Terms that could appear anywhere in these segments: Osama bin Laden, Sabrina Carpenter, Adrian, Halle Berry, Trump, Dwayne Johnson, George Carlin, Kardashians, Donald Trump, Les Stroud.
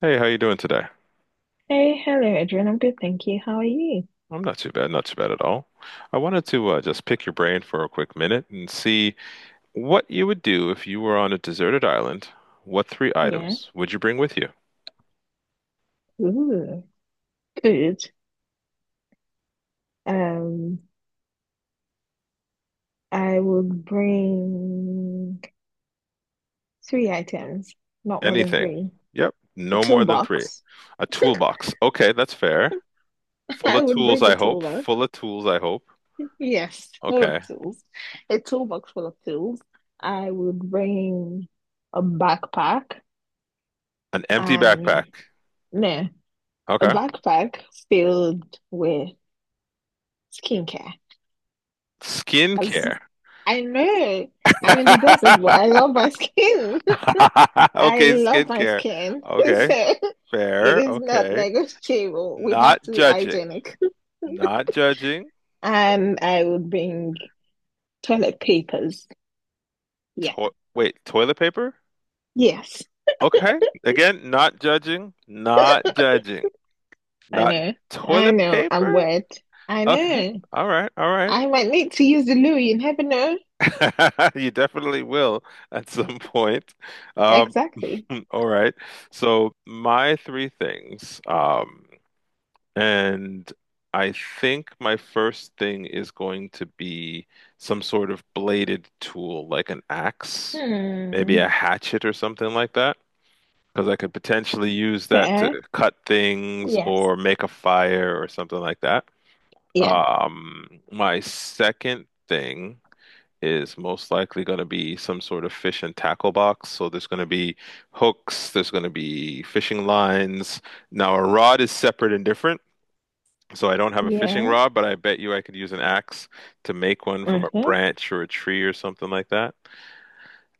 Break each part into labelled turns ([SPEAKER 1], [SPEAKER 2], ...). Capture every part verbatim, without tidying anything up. [SPEAKER 1] Hey, how you doing today?
[SPEAKER 2] Hey, hello, Adrian. I'm good, thank you. How are you?
[SPEAKER 1] I'm not too bad, not too bad at all. I wanted to uh, just pick your brain for a quick minute and see what you would do if you were on a deserted island. What three
[SPEAKER 2] Yeah.
[SPEAKER 1] items would you bring with you?
[SPEAKER 2] Ooh, good. Um, I would bring three items, not more than
[SPEAKER 1] Anything.
[SPEAKER 2] three.
[SPEAKER 1] Yep,
[SPEAKER 2] A
[SPEAKER 1] no more than three.
[SPEAKER 2] toolbox.
[SPEAKER 1] A toolbox. Okay, that's fair. Full
[SPEAKER 2] I
[SPEAKER 1] of
[SPEAKER 2] would
[SPEAKER 1] tools,
[SPEAKER 2] bring a
[SPEAKER 1] I hope.
[SPEAKER 2] toolbox.
[SPEAKER 1] Full of tools, I hope.
[SPEAKER 2] Yes, full of
[SPEAKER 1] Okay.
[SPEAKER 2] tools. A toolbox full of tools. I would bring a backpack
[SPEAKER 1] An empty backpack.
[SPEAKER 2] and no, a
[SPEAKER 1] Okay.
[SPEAKER 2] backpack filled with skincare. As
[SPEAKER 1] Skincare.
[SPEAKER 2] I know, I'm in the desert, but I love my skin. I
[SPEAKER 1] Okay,
[SPEAKER 2] love my
[SPEAKER 1] skincare.
[SPEAKER 2] skin.
[SPEAKER 1] Okay,
[SPEAKER 2] So it
[SPEAKER 1] fair.
[SPEAKER 2] is not
[SPEAKER 1] Okay.
[SPEAKER 2] negotiable. We have
[SPEAKER 1] Not
[SPEAKER 2] to be
[SPEAKER 1] judging.
[SPEAKER 2] hygienic.
[SPEAKER 1] Not judging.
[SPEAKER 2] And I would bring toilet papers. Yeah.
[SPEAKER 1] To- wait, toilet paper?
[SPEAKER 2] Yes,
[SPEAKER 1] Okay. Again, not judging. Not judging.
[SPEAKER 2] I
[SPEAKER 1] Not
[SPEAKER 2] know. I
[SPEAKER 1] toilet
[SPEAKER 2] know. I'm
[SPEAKER 1] paper?
[SPEAKER 2] wet. I
[SPEAKER 1] Okay.
[SPEAKER 2] know.
[SPEAKER 1] All right. All right.
[SPEAKER 2] I might need to use the loo. You never know.
[SPEAKER 1] You definitely will at some point. Um,
[SPEAKER 2] Exactly.
[SPEAKER 1] all right. So my three things. Um, and I think my first thing is going to be some sort of bladed tool, like an axe, maybe
[SPEAKER 2] Hmm.
[SPEAKER 1] a hatchet or something like that. Because I could potentially use that to
[SPEAKER 2] Fair.
[SPEAKER 1] cut things
[SPEAKER 2] Yes.
[SPEAKER 1] or make a fire or something like that.
[SPEAKER 2] Yeah.
[SPEAKER 1] Um, my second thing is most likely going to be some sort of fish and tackle box. So there's going to be hooks, there's going to be fishing lines. Now, a rod is separate and different. So I don't have a fishing
[SPEAKER 2] Yeah.
[SPEAKER 1] rod, but I bet you I could use an axe to make one from a
[SPEAKER 2] Okay.
[SPEAKER 1] branch or a tree or something like that.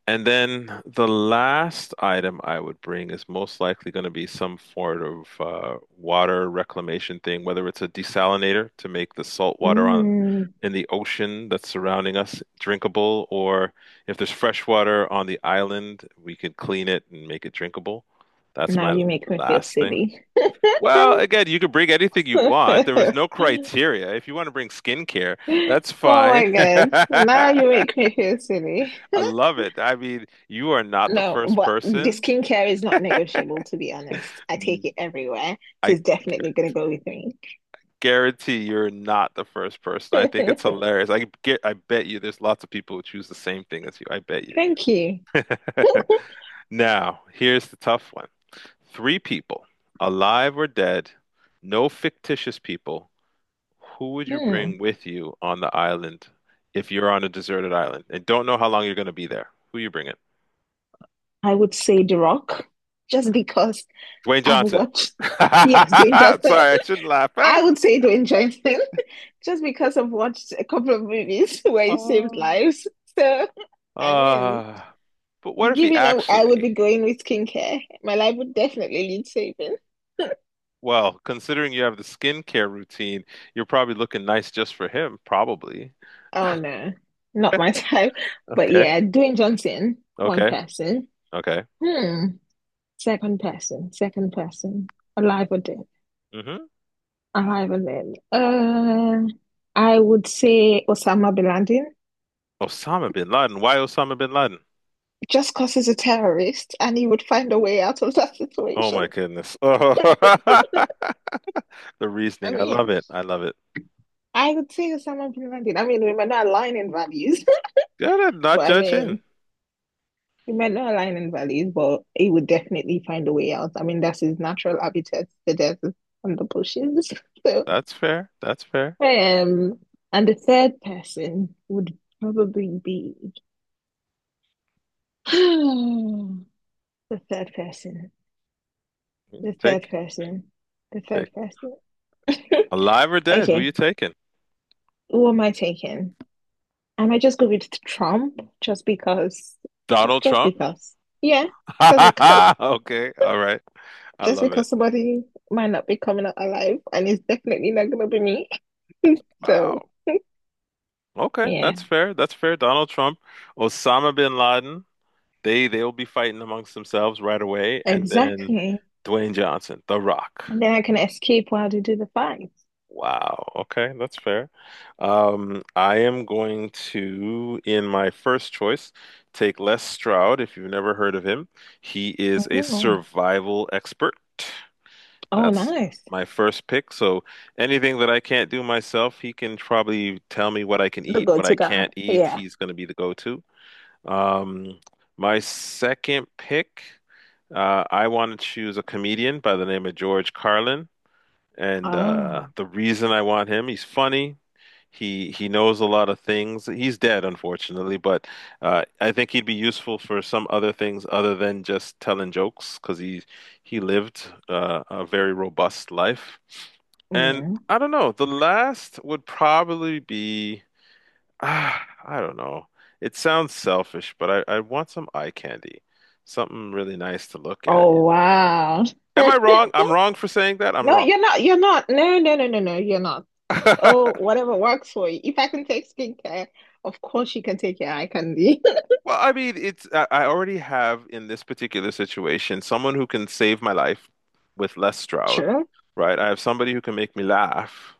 [SPEAKER 1] And then the last item I would bring is most likely going to be some sort of uh, water reclamation thing, whether it's a desalinator to make the salt water on,
[SPEAKER 2] Mm.
[SPEAKER 1] in the ocean that's surrounding us drinkable, or if there's fresh water on the island, we could clean it and make it drinkable. That's
[SPEAKER 2] Now
[SPEAKER 1] my
[SPEAKER 2] you make me feel
[SPEAKER 1] last thing.
[SPEAKER 2] silly.
[SPEAKER 1] Well, again, you can bring anything you want. There was no criteria. If you want to bring skincare, that's
[SPEAKER 2] Oh my
[SPEAKER 1] fine.
[SPEAKER 2] God. Now you make me feel silly.
[SPEAKER 1] I love it. I mean, you are not the
[SPEAKER 2] No,
[SPEAKER 1] first
[SPEAKER 2] but the
[SPEAKER 1] person.
[SPEAKER 2] skincare is not negotiable, to be honest. I
[SPEAKER 1] I
[SPEAKER 2] take it everywhere. So it's definitely
[SPEAKER 1] gu-
[SPEAKER 2] going to go with me.
[SPEAKER 1] guarantee you're not the first person. I think it's hilarious. I get, I bet you there's lots of people who choose the same thing as you. I bet you.
[SPEAKER 2] Thank you.
[SPEAKER 1] Now, here's the tough one. Three people, alive or dead, no fictitious people. Who would you bring
[SPEAKER 2] Hmm.
[SPEAKER 1] with you on the island if you're on a deserted island and don't know how long you're going to be there? Who you bringing?
[SPEAKER 2] I would say The Rock, just because
[SPEAKER 1] Dwayne
[SPEAKER 2] I've
[SPEAKER 1] Johnson.
[SPEAKER 2] watched. Yes,
[SPEAKER 1] Sorry,
[SPEAKER 2] Dwayne Johnson.
[SPEAKER 1] I shouldn't laugh.
[SPEAKER 2] I would say Dwayne Johnson, just because I've watched a couple of movies where he saved
[SPEAKER 1] Uh,
[SPEAKER 2] lives. So, I mean,
[SPEAKER 1] uh, but what if he
[SPEAKER 2] given up, I would
[SPEAKER 1] actually,
[SPEAKER 2] be going with skincare. My life would definitely lead saving.
[SPEAKER 1] well, considering you have the skincare routine, you're probably looking nice just for him, probably.
[SPEAKER 2] Oh no, not my type. But
[SPEAKER 1] Okay,
[SPEAKER 2] yeah, doing Johnson, one
[SPEAKER 1] okay,
[SPEAKER 2] person.
[SPEAKER 1] okay.
[SPEAKER 2] Hmm. Second person, second person. Alive or dead.
[SPEAKER 1] hmm
[SPEAKER 2] Alive or dead. Uh, I would say Osama bin Laden,
[SPEAKER 1] Osama bin Laden. Why Osama bin Laden?
[SPEAKER 2] just because he's a terrorist and he would find a way out of that
[SPEAKER 1] Oh
[SPEAKER 2] situation.
[SPEAKER 1] my goodness. Oh, the
[SPEAKER 2] I
[SPEAKER 1] reasoning. I love
[SPEAKER 2] mean,
[SPEAKER 1] it. I love it.
[SPEAKER 2] I would say Osama bin Laden. I mean, we might not align in values,
[SPEAKER 1] Good, at not
[SPEAKER 2] but I
[SPEAKER 1] judging.
[SPEAKER 2] mean, he might not align in values, but he would definitely find a way out. I mean, that's his natural habitat, the desert and the bushes. So,
[SPEAKER 1] That's fair. That's fair.
[SPEAKER 2] um, and the third person would probably be the third person,
[SPEAKER 1] Mm,
[SPEAKER 2] the
[SPEAKER 1] Take
[SPEAKER 2] third
[SPEAKER 1] it,
[SPEAKER 2] person, the
[SPEAKER 1] take it.
[SPEAKER 2] third person.
[SPEAKER 1] Alive or dead, who you
[SPEAKER 2] Okay,
[SPEAKER 1] taking?
[SPEAKER 2] who am I taking? I might just go with Trump just because, just
[SPEAKER 1] Donald
[SPEAKER 2] just
[SPEAKER 1] Trump?
[SPEAKER 2] because. Yeah, just because.
[SPEAKER 1] Okay, all right. I
[SPEAKER 2] Just
[SPEAKER 1] love it.
[SPEAKER 2] because somebody might not be coming out alive, and it's definitely not gonna be me. So
[SPEAKER 1] Wow. Okay,
[SPEAKER 2] yeah,
[SPEAKER 1] that's fair. That's fair. Donald Trump, Osama bin Laden, they they'll be fighting amongst themselves right away, and then
[SPEAKER 2] exactly.
[SPEAKER 1] Dwayne Johnson, The Rock.
[SPEAKER 2] And then I can escape while they do the fight.
[SPEAKER 1] Wow. Okay, that's fair. Um, I am going to, in my first choice, take Les Stroud, if you've never heard of him. He is a
[SPEAKER 2] Oh,
[SPEAKER 1] survival expert.
[SPEAKER 2] oh,
[SPEAKER 1] That's
[SPEAKER 2] nice.
[SPEAKER 1] my first pick. So anything that I can't do myself, he can probably tell me what I can
[SPEAKER 2] The
[SPEAKER 1] eat, what I
[SPEAKER 2] go-to guy.
[SPEAKER 1] can't eat.
[SPEAKER 2] Yeah.
[SPEAKER 1] He's going to be the go-to. Um, my second pick, uh, I want to choose a comedian by the name of George Carlin, and uh,
[SPEAKER 2] Oh,
[SPEAKER 1] the reason I want him, he's funny. He he knows a lot of things. He's dead, unfortunately, but uh, I think he'd be useful for some other things other than just telling jokes, because he he lived uh, a very robust life. And
[SPEAKER 2] yeah.
[SPEAKER 1] I don't know, the last would probably be. Ah, I don't know. It sounds selfish, but I, I want some eye candy. Something really nice to look at.
[SPEAKER 2] Oh, wow.
[SPEAKER 1] Am I wrong? I'm wrong for saying that. I'm
[SPEAKER 2] No,
[SPEAKER 1] wrong.
[SPEAKER 2] you're not. You're not. No, no, no, no, no. You're not. Oh, whatever works for you. If I can take skincare, of course you can take your eye candy.
[SPEAKER 1] Well, I mean, it's I I already have in this particular situation someone who can save my life with Les Stroud,
[SPEAKER 2] Sure,
[SPEAKER 1] right? I have somebody who can make me laugh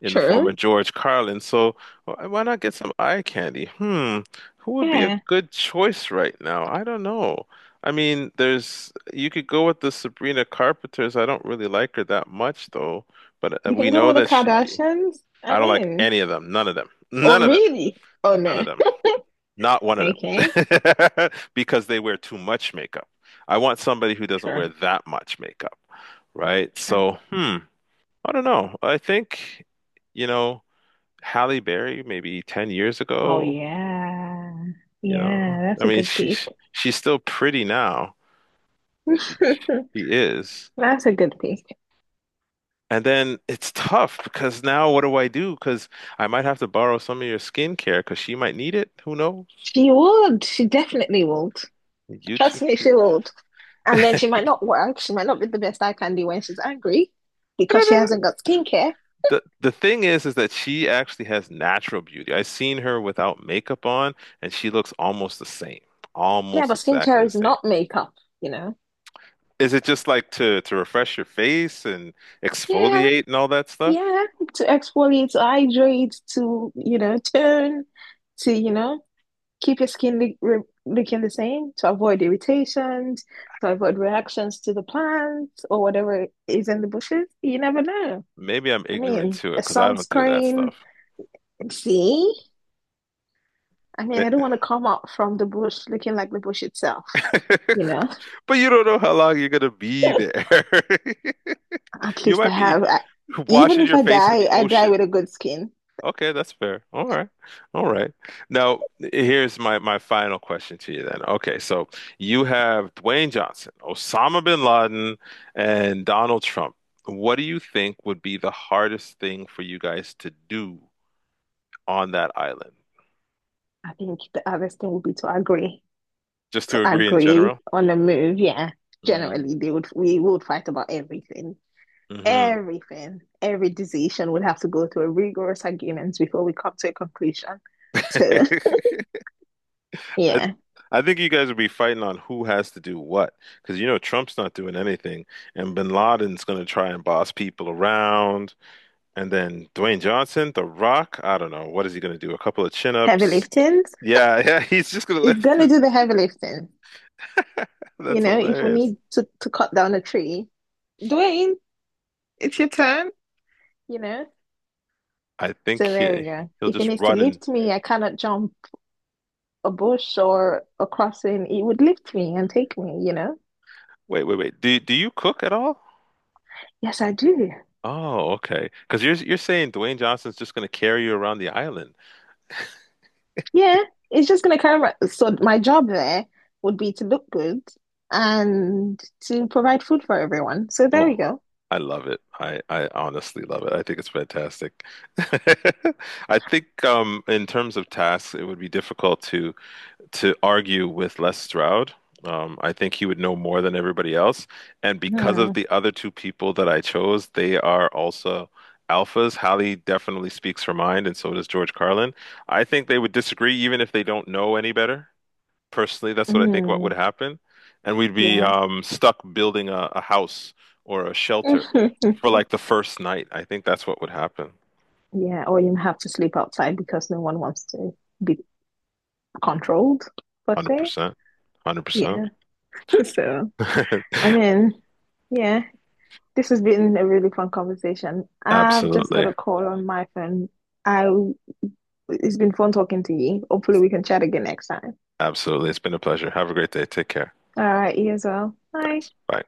[SPEAKER 1] in the form
[SPEAKER 2] sure.
[SPEAKER 1] of George Carlin. So wh- why not get some eye candy? Hmm, who would be a
[SPEAKER 2] Yeah.
[SPEAKER 1] good choice right now? I don't know. I mean, there's you could go with the Sabrina Carpenters. I don't really like her that much though, but uh,
[SPEAKER 2] You
[SPEAKER 1] we
[SPEAKER 2] can go
[SPEAKER 1] know
[SPEAKER 2] with the
[SPEAKER 1] that she be.
[SPEAKER 2] Kardashians.
[SPEAKER 1] I
[SPEAKER 2] I'm
[SPEAKER 1] don't like
[SPEAKER 2] in.
[SPEAKER 1] any of them. None of them.
[SPEAKER 2] Oh,
[SPEAKER 1] None of them.
[SPEAKER 2] really? Oh,
[SPEAKER 1] None of
[SPEAKER 2] no.
[SPEAKER 1] them. Not one of
[SPEAKER 2] Okay.
[SPEAKER 1] them. Because they wear too much makeup. I want somebody who doesn't
[SPEAKER 2] Sure.
[SPEAKER 1] wear that much makeup, right?
[SPEAKER 2] Sure.
[SPEAKER 1] So, hmm, I don't know. I think, you know, Halle Berry maybe ten years
[SPEAKER 2] Oh,
[SPEAKER 1] ago,
[SPEAKER 2] yeah.
[SPEAKER 1] you know.
[SPEAKER 2] Yeah, that's
[SPEAKER 1] I
[SPEAKER 2] a
[SPEAKER 1] mean,
[SPEAKER 2] good pick.
[SPEAKER 1] she's she's still pretty now. She she is.
[SPEAKER 2] That's a good pick.
[SPEAKER 1] And then it's tough because now what do I do? Because I might have to borrow some of your skincare because she might need it. Who knows?
[SPEAKER 2] She would. She definitely would.
[SPEAKER 1] You two
[SPEAKER 2] Trust me,
[SPEAKER 1] could.
[SPEAKER 2] she would. And then she might not work. She might not be the best eye candy when she's angry because she hasn't got skincare.
[SPEAKER 1] The the thing is is that she actually has natural beauty. I've seen her without makeup on and she looks almost the same.
[SPEAKER 2] Yeah,
[SPEAKER 1] Almost
[SPEAKER 2] but
[SPEAKER 1] exactly
[SPEAKER 2] skincare
[SPEAKER 1] the
[SPEAKER 2] is
[SPEAKER 1] same.
[SPEAKER 2] not makeup, you know?
[SPEAKER 1] Is it just like to to refresh your face and
[SPEAKER 2] Yeah,
[SPEAKER 1] exfoliate and all that stuff?
[SPEAKER 2] yeah. To exfoliate, to hydrate, to, you know, tone, to, you know, keep your skin li re looking the same to avoid irritations, to avoid reactions to the plants or whatever is in the bushes. You never know.
[SPEAKER 1] Maybe I'm
[SPEAKER 2] I
[SPEAKER 1] ignorant
[SPEAKER 2] mean,
[SPEAKER 1] to it
[SPEAKER 2] a
[SPEAKER 1] because I don't do that
[SPEAKER 2] sunscreen.
[SPEAKER 1] stuff.
[SPEAKER 2] See? I mean,
[SPEAKER 1] Ma-
[SPEAKER 2] I don't want to come out from the bush looking like the bush itself, you know?
[SPEAKER 1] But you don't know how long you're gonna be there.
[SPEAKER 2] At
[SPEAKER 1] You
[SPEAKER 2] least I
[SPEAKER 1] might be
[SPEAKER 2] have, I, even
[SPEAKER 1] washing
[SPEAKER 2] if
[SPEAKER 1] your
[SPEAKER 2] I
[SPEAKER 1] face in
[SPEAKER 2] die,
[SPEAKER 1] the
[SPEAKER 2] I die
[SPEAKER 1] ocean.
[SPEAKER 2] with a good skin.
[SPEAKER 1] Okay, that's fair. All right. All right. Now, here's my my final question to you then. Okay, so you have Dwayne Johnson, Osama bin Laden, and Donald Trump. What do you think would be the hardest thing for you guys to do on that island?
[SPEAKER 2] I think the hardest thing would be to agree.
[SPEAKER 1] Just
[SPEAKER 2] To
[SPEAKER 1] to agree in
[SPEAKER 2] agree
[SPEAKER 1] general?
[SPEAKER 2] on a move, yeah,
[SPEAKER 1] Mm,
[SPEAKER 2] generally they would we would fight about everything.
[SPEAKER 1] hmm.
[SPEAKER 2] Everything, every decision would have to go through a rigorous arguments before we come to a conclusion. So
[SPEAKER 1] I
[SPEAKER 2] yeah,
[SPEAKER 1] I think you guys would be fighting on who has to do what, because you know Trump's not doing anything, and Bin Laden's going to try and boss people around. And then Dwayne Johnson, The Rock, I don't know. What is he going to do? A couple of
[SPEAKER 2] heavy
[SPEAKER 1] chin-ups?
[SPEAKER 2] lifting
[SPEAKER 1] Yeah, yeah, he's just going to
[SPEAKER 2] is
[SPEAKER 1] lift
[SPEAKER 2] gonna
[SPEAKER 1] it.
[SPEAKER 2] do the heavy lifting. You
[SPEAKER 1] That's
[SPEAKER 2] know, if we
[SPEAKER 1] hilarious.
[SPEAKER 2] need to, to cut down a tree, Dwayne, it's your turn, you know.
[SPEAKER 1] I think
[SPEAKER 2] So there we
[SPEAKER 1] he
[SPEAKER 2] go.
[SPEAKER 1] he'll
[SPEAKER 2] If it
[SPEAKER 1] just
[SPEAKER 2] needs to
[SPEAKER 1] run and
[SPEAKER 2] lift me, I cannot jump a bush or a crossing, it would lift me and take me, you know.
[SPEAKER 1] wait, wait, wait. Do do you cook at all?
[SPEAKER 2] Yes, I do.
[SPEAKER 1] Oh, okay. Because you're you're saying Dwayne Johnson's just going to carry you around the island.
[SPEAKER 2] Yeah, it's just gonna carry my, so my job there would be to look good and to provide food for everyone. So there we
[SPEAKER 1] Oh,
[SPEAKER 2] go.
[SPEAKER 1] I love it. I I honestly love it. I think it's fantastic. I think um in terms of tasks, it would be difficult to to argue with Les Stroud. Um, I think he would know more than everybody else. And because of
[SPEAKER 2] Hmm.
[SPEAKER 1] the other two people that I chose, they are also alphas. Hallie definitely speaks her mind, and so does George Carlin. I think they would disagree even if they don't know any better. Personally, that's what I think what would
[SPEAKER 2] Hmm.
[SPEAKER 1] happen. And we'd be
[SPEAKER 2] Yeah.
[SPEAKER 1] um, stuck building a, a house or a shelter for like the first night. I think that's what would happen.
[SPEAKER 2] Yeah, or you have to sleep outside because no one wants to be controlled, per se.
[SPEAKER 1] one hundred percent.
[SPEAKER 2] Yeah.
[SPEAKER 1] one hundred percent.
[SPEAKER 2] So, I mean, yeah, this has been a really fun conversation. I've just got a
[SPEAKER 1] Absolutely.
[SPEAKER 2] call on my phone. I It's been fun talking to you. Hopefully we can chat again next time.
[SPEAKER 1] Absolutely. It's been a pleasure. Have a great day. Take care.
[SPEAKER 2] All right, you as well. Bye.
[SPEAKER 1] Thanks. Bye.